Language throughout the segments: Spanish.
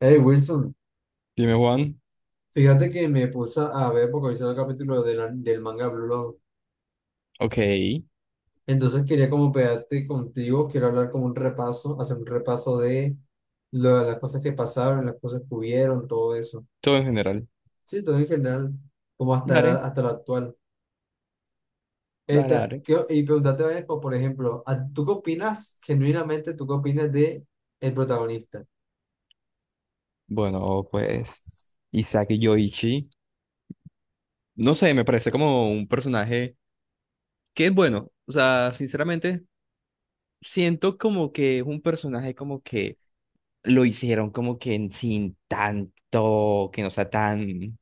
Hey Wilson, Dime, Juan. fíjate que me puse a ver porque hice el capítulo del manga Blue Lock. Ok, Entonces quería como pegarte contigo, quiero hablar como un repaso, hacer un repaso de las cosas que pasaron, las cosas que hubieron, todo eso. todo en general. Sí, todo en general, como hasta la, Dale, hasta la actual. dale, dale. ¿Qué- y preguntarte varias cosas? Por ejemplo, ¿a- tú qué opinas, genuinamente? ¿Tú qué opinas de el protagonista? Bueno, pues Isaac Yoichi. No sé, me parece como un personaje que es bueno. O sea, sinceramente, siento como que es un personaje como que lo hicieron como que sin tanto, que no sea tan,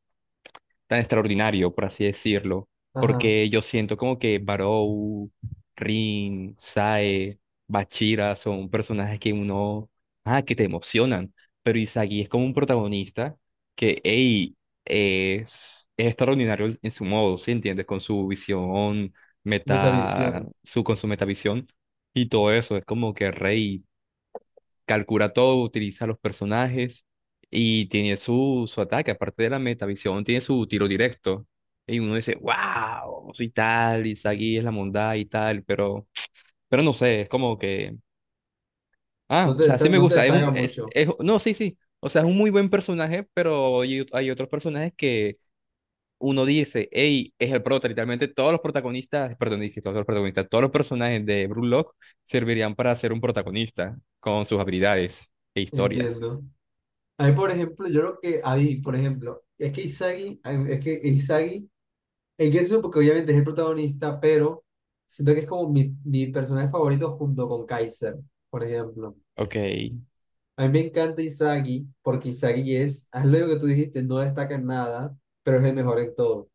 tan extraordinario, por así decirlo. Ajá. Porque yo siento como que Barou, Rin, Sae, Bachira son personajes que uno, ah, que te emocionan. Pero Izagi es como un protagonista que, hey, es extraordinario en su modo, ¿sí entiendes? Con su visión, meta, Metavisión. su, con su metavisión y todo eso. Es como que rey calcula todo, utiliza los personajes y tiene su ataque, aparte de la metavisión, tiene su tiro directo. Y uno dice, wow, soy tal, y Sagi es la bondad y tal, pero no sé, es como que, ah, No o te, sea, sí desta- me no te gusta, es un, destaca mucho, es- no, sí, sí, o sea, es un muy buen personaje, pero hay otros personajes que uno dice, hey, es el prota, literalmente todos los protagonistas, perdón, dije todos los protagonistas, todos los personajes de Brulock servirían para ser un protagonista con sus habilidades e historias. entiendo. A mí, por ejemplo, yo lo que ahí, por ejemplo, es que Isagi, en eso porque obviamente es el protagonista, pero siento que es como mi personaje favorito junto con Kaiser, por ejemplo. Ok. A mí me encanta Isagi porque Isagi es, haz lo que tú dijiste, no destaca en nada, pero es el mejor en todo.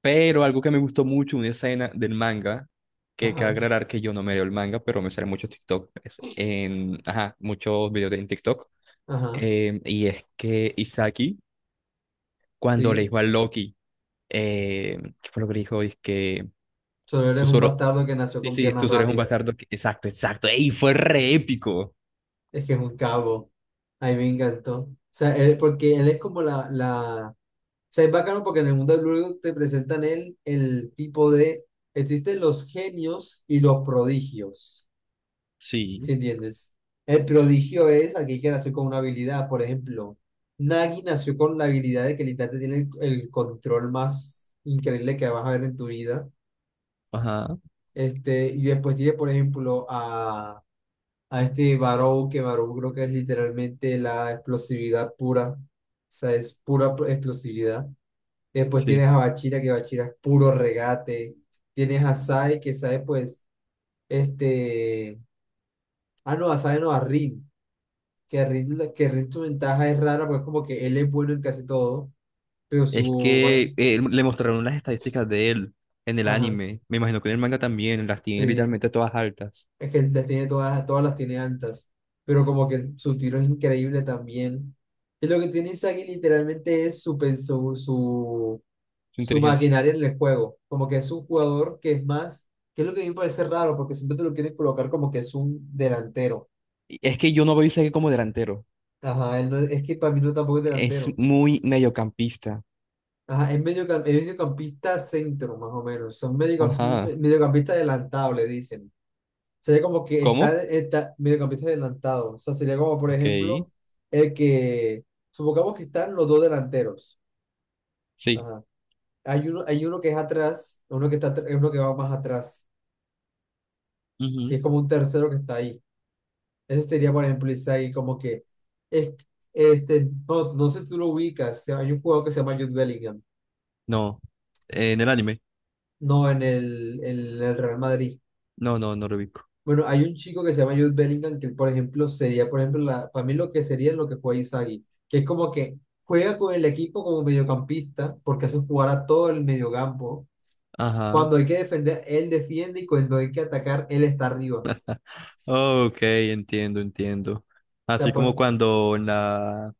Pero algo que me gustó mucho, una escena del manga, que cabe Ajá, aclarar que yo no me leo el manga, pero me salen muchos TikTok, ajá, muchos videos en TikTok. ajá, Y es que Isaki, cuando le sí. dijo a Loki, ¿qué fue lo que le dijo? Es que Solo eres tú un solo, bastardo que nació sí, con sí, piernas tú solo eres un rápidas. bastardo. Exacto, exacto. ¡Ey! Fue re épico. Es que es un cabo. A mí me encantó. O sea, porque él es como la sea, es bacano porque en el mundo del Blue te presentan el tipo de... Existen los genios y los prodigios, ¿sí Sí. entiendes? El prodigio es aquel que nació con una habilidad. Por ejemplo, Nagi nació con la habilidad de que literalmente tiene el control más increíble que vas a ver en tu vida. Ajá. Y después tiene, por ejemplo, a este Barou, que Barou creo que es literalmente la explosividad pura. O sea, es explosividad. Después Sí. tienes a Bachira, que Bachira es puro regate. Tienes a Sai, que Sai, pues, este. Ah, no, a Sai no, a Rin. Que Rin su ventaja es rara, pues, como que él es bueno en casi todo, pero Es su. va- que le mostraron las estadísticas de él en el Ajá, anime. Me imagino que en el manga también las tiene sí. literalmente todas altas. Es que él las tiene todas, todas las tiene altas. Pero como que su tiro es increíble también. Y lo que tiene Isagi literalmente es su, pen- su, su Su su inteligencia. maquinaria en el juego. Como que es un jugador que es más, que es lo que a mí me parece raro, porque siempre te lo quieren colocar como que es un delantero. Y es que yo no veo a Isaac como delantero. Ajá, él es que para mí no tampoco es Es delantero. muy mediocampista. Ajá, es mediocampista centro, más o menos. Son medio, Ajá. mediocampista adelantado, le dicen. Sería como que ¿Cómo? está mediocampista adelantado. O sea, sería como, por Ok. ejemplo, el que, supongamos que están los dos delanteros. Sí. Ajá. Hay uno que es atrás, uno que va más atrás, que Ujú. es como un tercero que está ahí. Ese sería, por ejemplo, Isagi, como que, es, no, no sé si tú lo ubicas, hay un jugador que se llama Jude Bellingham, No. En el anime. no en en el Real Madrid. No, no, no lo ubico. Bueno, hay un chico que se llama Jude Bellingham que, por ejemplo, sería, por ejemplo, para mí lo que sería lo que juega Isagi, que es como que juega con el equipo como mediocampista, porque hace jugar a todo el mediocampo. Ajá. Cuando hay que defender, él defiende, y cuando hay que atacar, él está arriba. O Ok, entiendo, entiendo. sea, Así como pues, cuando en la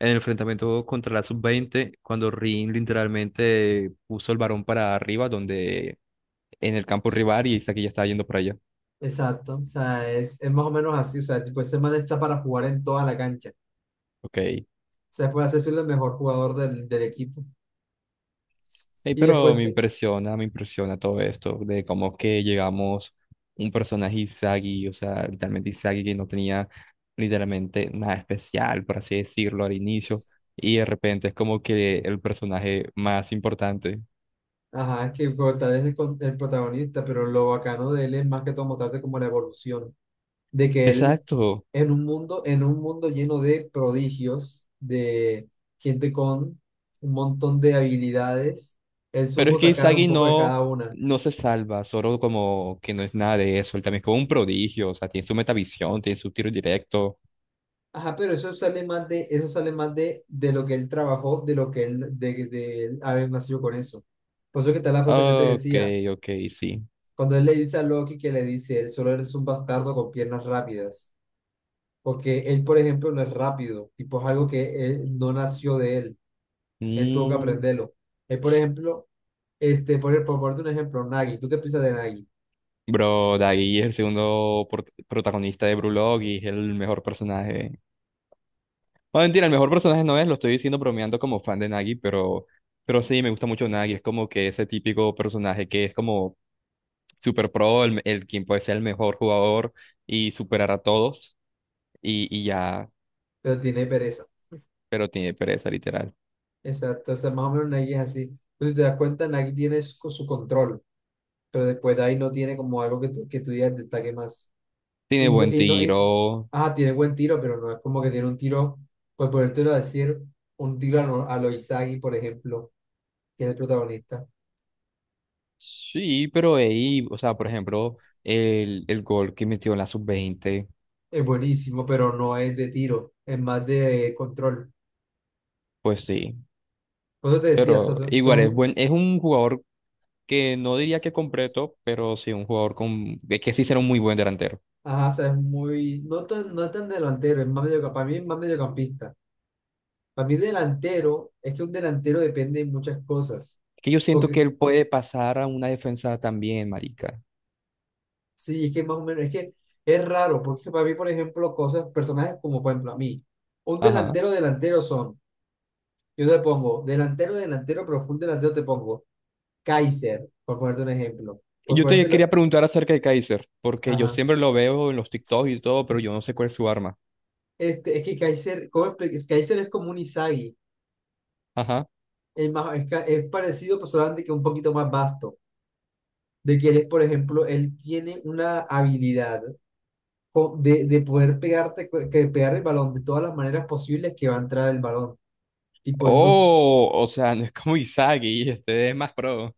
en el enfrentamiento contra la sub 20 cuando Rin literalmente puso el varón para arriba, donde en el campo rival y Isaac ya estaba yendo para allá. exacto, o sea, es más o menos así, o sea, tipo, ese man está para jugar en toda la cancha. Ok. Sea, puede hacerse el mejor jugador del equipo. Ey, Y pero después, me impresiona todo esto de cómo que llegamos un personaje Izagi, o sea, literalmente Izagi que no tenía literalmente nada especial, por así decirlo, al inicio, y de repente es como que el personaje más importante. ajá, es que como tal vez el protagonista, pero lo bacano de él es más que todo mostrarte como la evolución, de que él Exacto, en un mundo lleno de prodigios, de gente con un montón de habilidades, él pero supo es que sacar un Izagi poco de no, cada una. no se salva, solo como que no es nada de eso, él también es como un prodigio, o sea, tiene su metavisión, tiene su tiro directo. Ajá, pero eso sale más de, eso sale más de lo que él trabajó, de lo que él, de él haber nacido con eso. Por eso que está la frase que yo te Ok, decía. ok, sí. Cuando él le dice a Loki que le dice, él solo eres un bastardo con piernas rápidas. Porque él, por ejemplo, no es rápido. Tipo, es algo que él no nació de él. Él tuvo que Mm. aprenderlo. Él, por ejemplo, por ponerte un ejemplo, Nagi. ¿Tú qué piensas de Nagi? Bro, Daggy es el protagonista de Brulog y es el mejor personaje. Bueno, mentira, el mejor personaje no es, lo estoy diciendo bromeando como fan de Nagi, pero sí, me gusta mucho Nagi. Es como que ese típico personaje que es como super pro, el quien puede ser el mejor jugador y superar a todos. Y, y ya, Pero tiene pereza. pero tiene pereza, literal. Exacto. O sea, más o menos Nagi es así. Entonces, si te das cuenta, Nagi tiene su control. Pero después de ahí no tiene como algo que que tú digas destaque más. Tiene Indo buen indo y no- tiro. ah, Tiene buen tiro, pero no es como que tiene un tiro, pues podértelo decir, un tiro a lo Izagi, por ejemplo, que es el protagonista. Sí, pero ahí, o sea, por ejemplo, el gol que metió en la sub 20 Es buenísimo, pero no es de tiro, es más de control. pues sí. Por eso te decía, o Pero sea, igual es buen, es un jugador que no diría que completo, pero sí un jugador con, de que sí será un muy buen delantero. ajá, o sea, no es tan delantero, es más medio, para mí es más mediocampista. Para mí delantero, es que un delantero depende de muchas cosas. Que yo siento Porque que él puede pasar a una defensa también, marica. sí, es que más o menos, es que es raro, porque para mí, por ejemplo, cosas, personajes como, por ejemplo, a mí, un Ajá. delantero, delantero son, yo te pongo, delantero, delantero, pero full delantero te pongo Kaiser, por ponerte un ejemplo, Y por yo te ponértelo, quería preguntar acerca de Kaiser, porque yo ajá, siempre lo veo en los TikToks y todo, pero yo no sé cuál es su arma. Es que Kaiser, ¿cómo Kaiser es como un Izagi Ajá. es, es parecido, pero solamente que un poquito más vasto, de que él es, por ejemplo, él tiene una habilidad de poder pegarte, que pegar el balón de todas las maneras posibles que va a entrar el balón. Tipo, él no, Oh, o sea, no es como Izagi, este es más pro.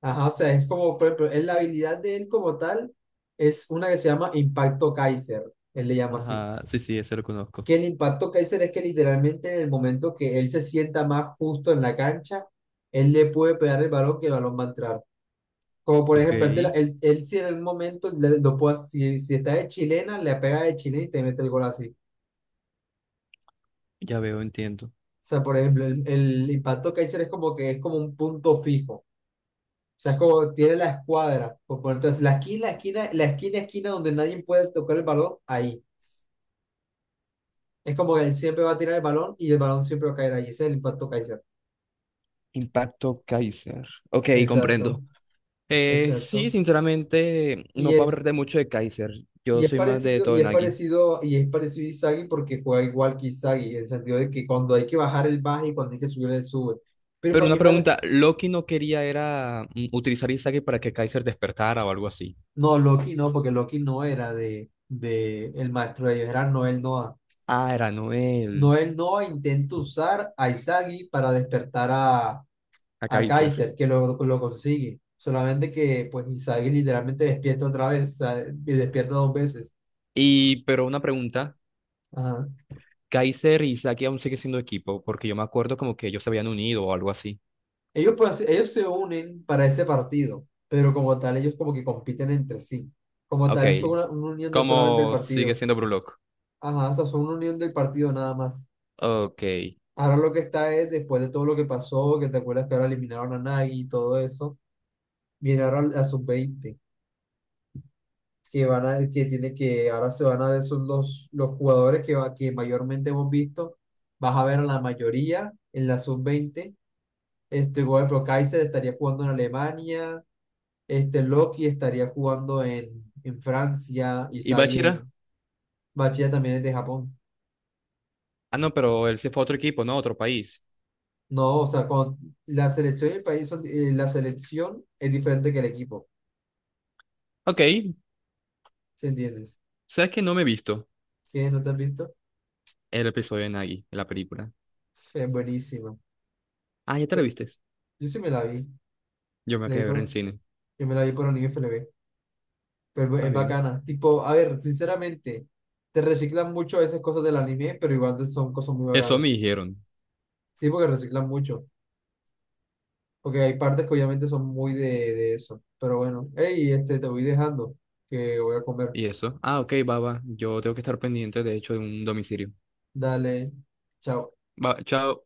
ajá, o sea, es como, por ejemplo, es la habilidad de él como tal es una que se llama Impacto Kaiser, él le llama así. Ajá, sí, sí, ese lo conozco. Que el Impacto Kaiser es que literalmente en el momento que él se sienta más justo en la cancha, él le puede pegar el balón que el balón va a entrar. Como por Ok, ejemplo, él, te la- él si en el momento, si está de chilena, le pega de chilena y te mete el gol así. ya veo, entiendo. O sea, por ejemplo, el Impacto Kaiser es como que es como un punto fijo. O sea, es como tiene la escuadra. Entonces, la esquina, esquina donde nadie puede tocar el balón, ahí. Es como que él siempre va a tirar el balón y el balón siempre va a caer ahí. Ese es el Impacto Kaiser. Impacto Kaiser. Ok, Exacto, comprendo. Sí, exacto. sinceramente, Y no puedo es, hablar de mucho de Kaiser. Yo y es soy más de parecido, y es Todenagi. parecido, y es parecido a Isagi porque juega igual que Isagi, en el sentido de que cuando hay que bajar, él baja y cuando hay que subir, él sube. Pero Pero para mí, una va- pregunta, Loki no quería era utilizar Izagi para que Kaiser despertara o algo así. no, Loki no, porque Loki no era de el maestro de ellos, era Noel Noah. Ah, era Noel, Noel Noah intenta usar a Izagi para despertar a, a a Kaiser. Kaiser, que lo consigue. Solamente que pues Izagi literalmente despierta otra vez, o sea, y despierta dos veces. Y, pero una pregunta, Ajá. Kaiser y Izagi aún sigue siendo equipo, porque yo me acuerdo como que ellos se habían unido o algo así. Ellos, pues, ellos se unen para ese partido, pero como tal ellos como que compiten entre sí. Como Ok, tal fue una unión de solamente el ¿cómo sigue partido. siendo Brulock? Ajá, o sea, fue una unión del partido nada más. Ok. Ahora lo que está es, después de todo lo que pasó, que te acuerdas que ahora eliminaron a Nagi y todo eso, viene ahora la sub-20 que tiene que ahora se van a ver son los jugadores que mayormente hemos visto. Vas a ver a la mayoría en la sub-20. Por ejemplo, Kaiser estaría jugando en Alemania, Loki estaría jugando en, Francia, ¿Y Isagi Bachira? en. Bachilla también es de Japón. Ah, no, pero él se fue a otro equipo, ¿no? A otro país. No, o sea, con la selección y el país la selección es diferente que el equipo, Ok, ¿sí entiendes? ¿sabes que no me he visto ¿Qué? ¿No te has visto? el episodio de Nagi, la película? Es buenísima. Ah, ¿ya te la vistes? Yo sí me la vi. Yo me La quedé vi a ver en por, cine. yo me la vi por Anime FLV. Pero Ah, es bien. bacana. Tipo, a ver, sinceramente, te reciclan mucho esas cosas del anime, pero igual son cosas muy Eso me bacanas. dijeron. Sí, porque reciclan mucho. Porque hay partes que obviamente son muy de eso. Pero bueno, hey, te voy dejando, que voy a comer. ¿Y eso? Ah, ok, baba. Yo tengo que estar pendiente, de hecho, de un domicilio. Dale, chao. Va, chao.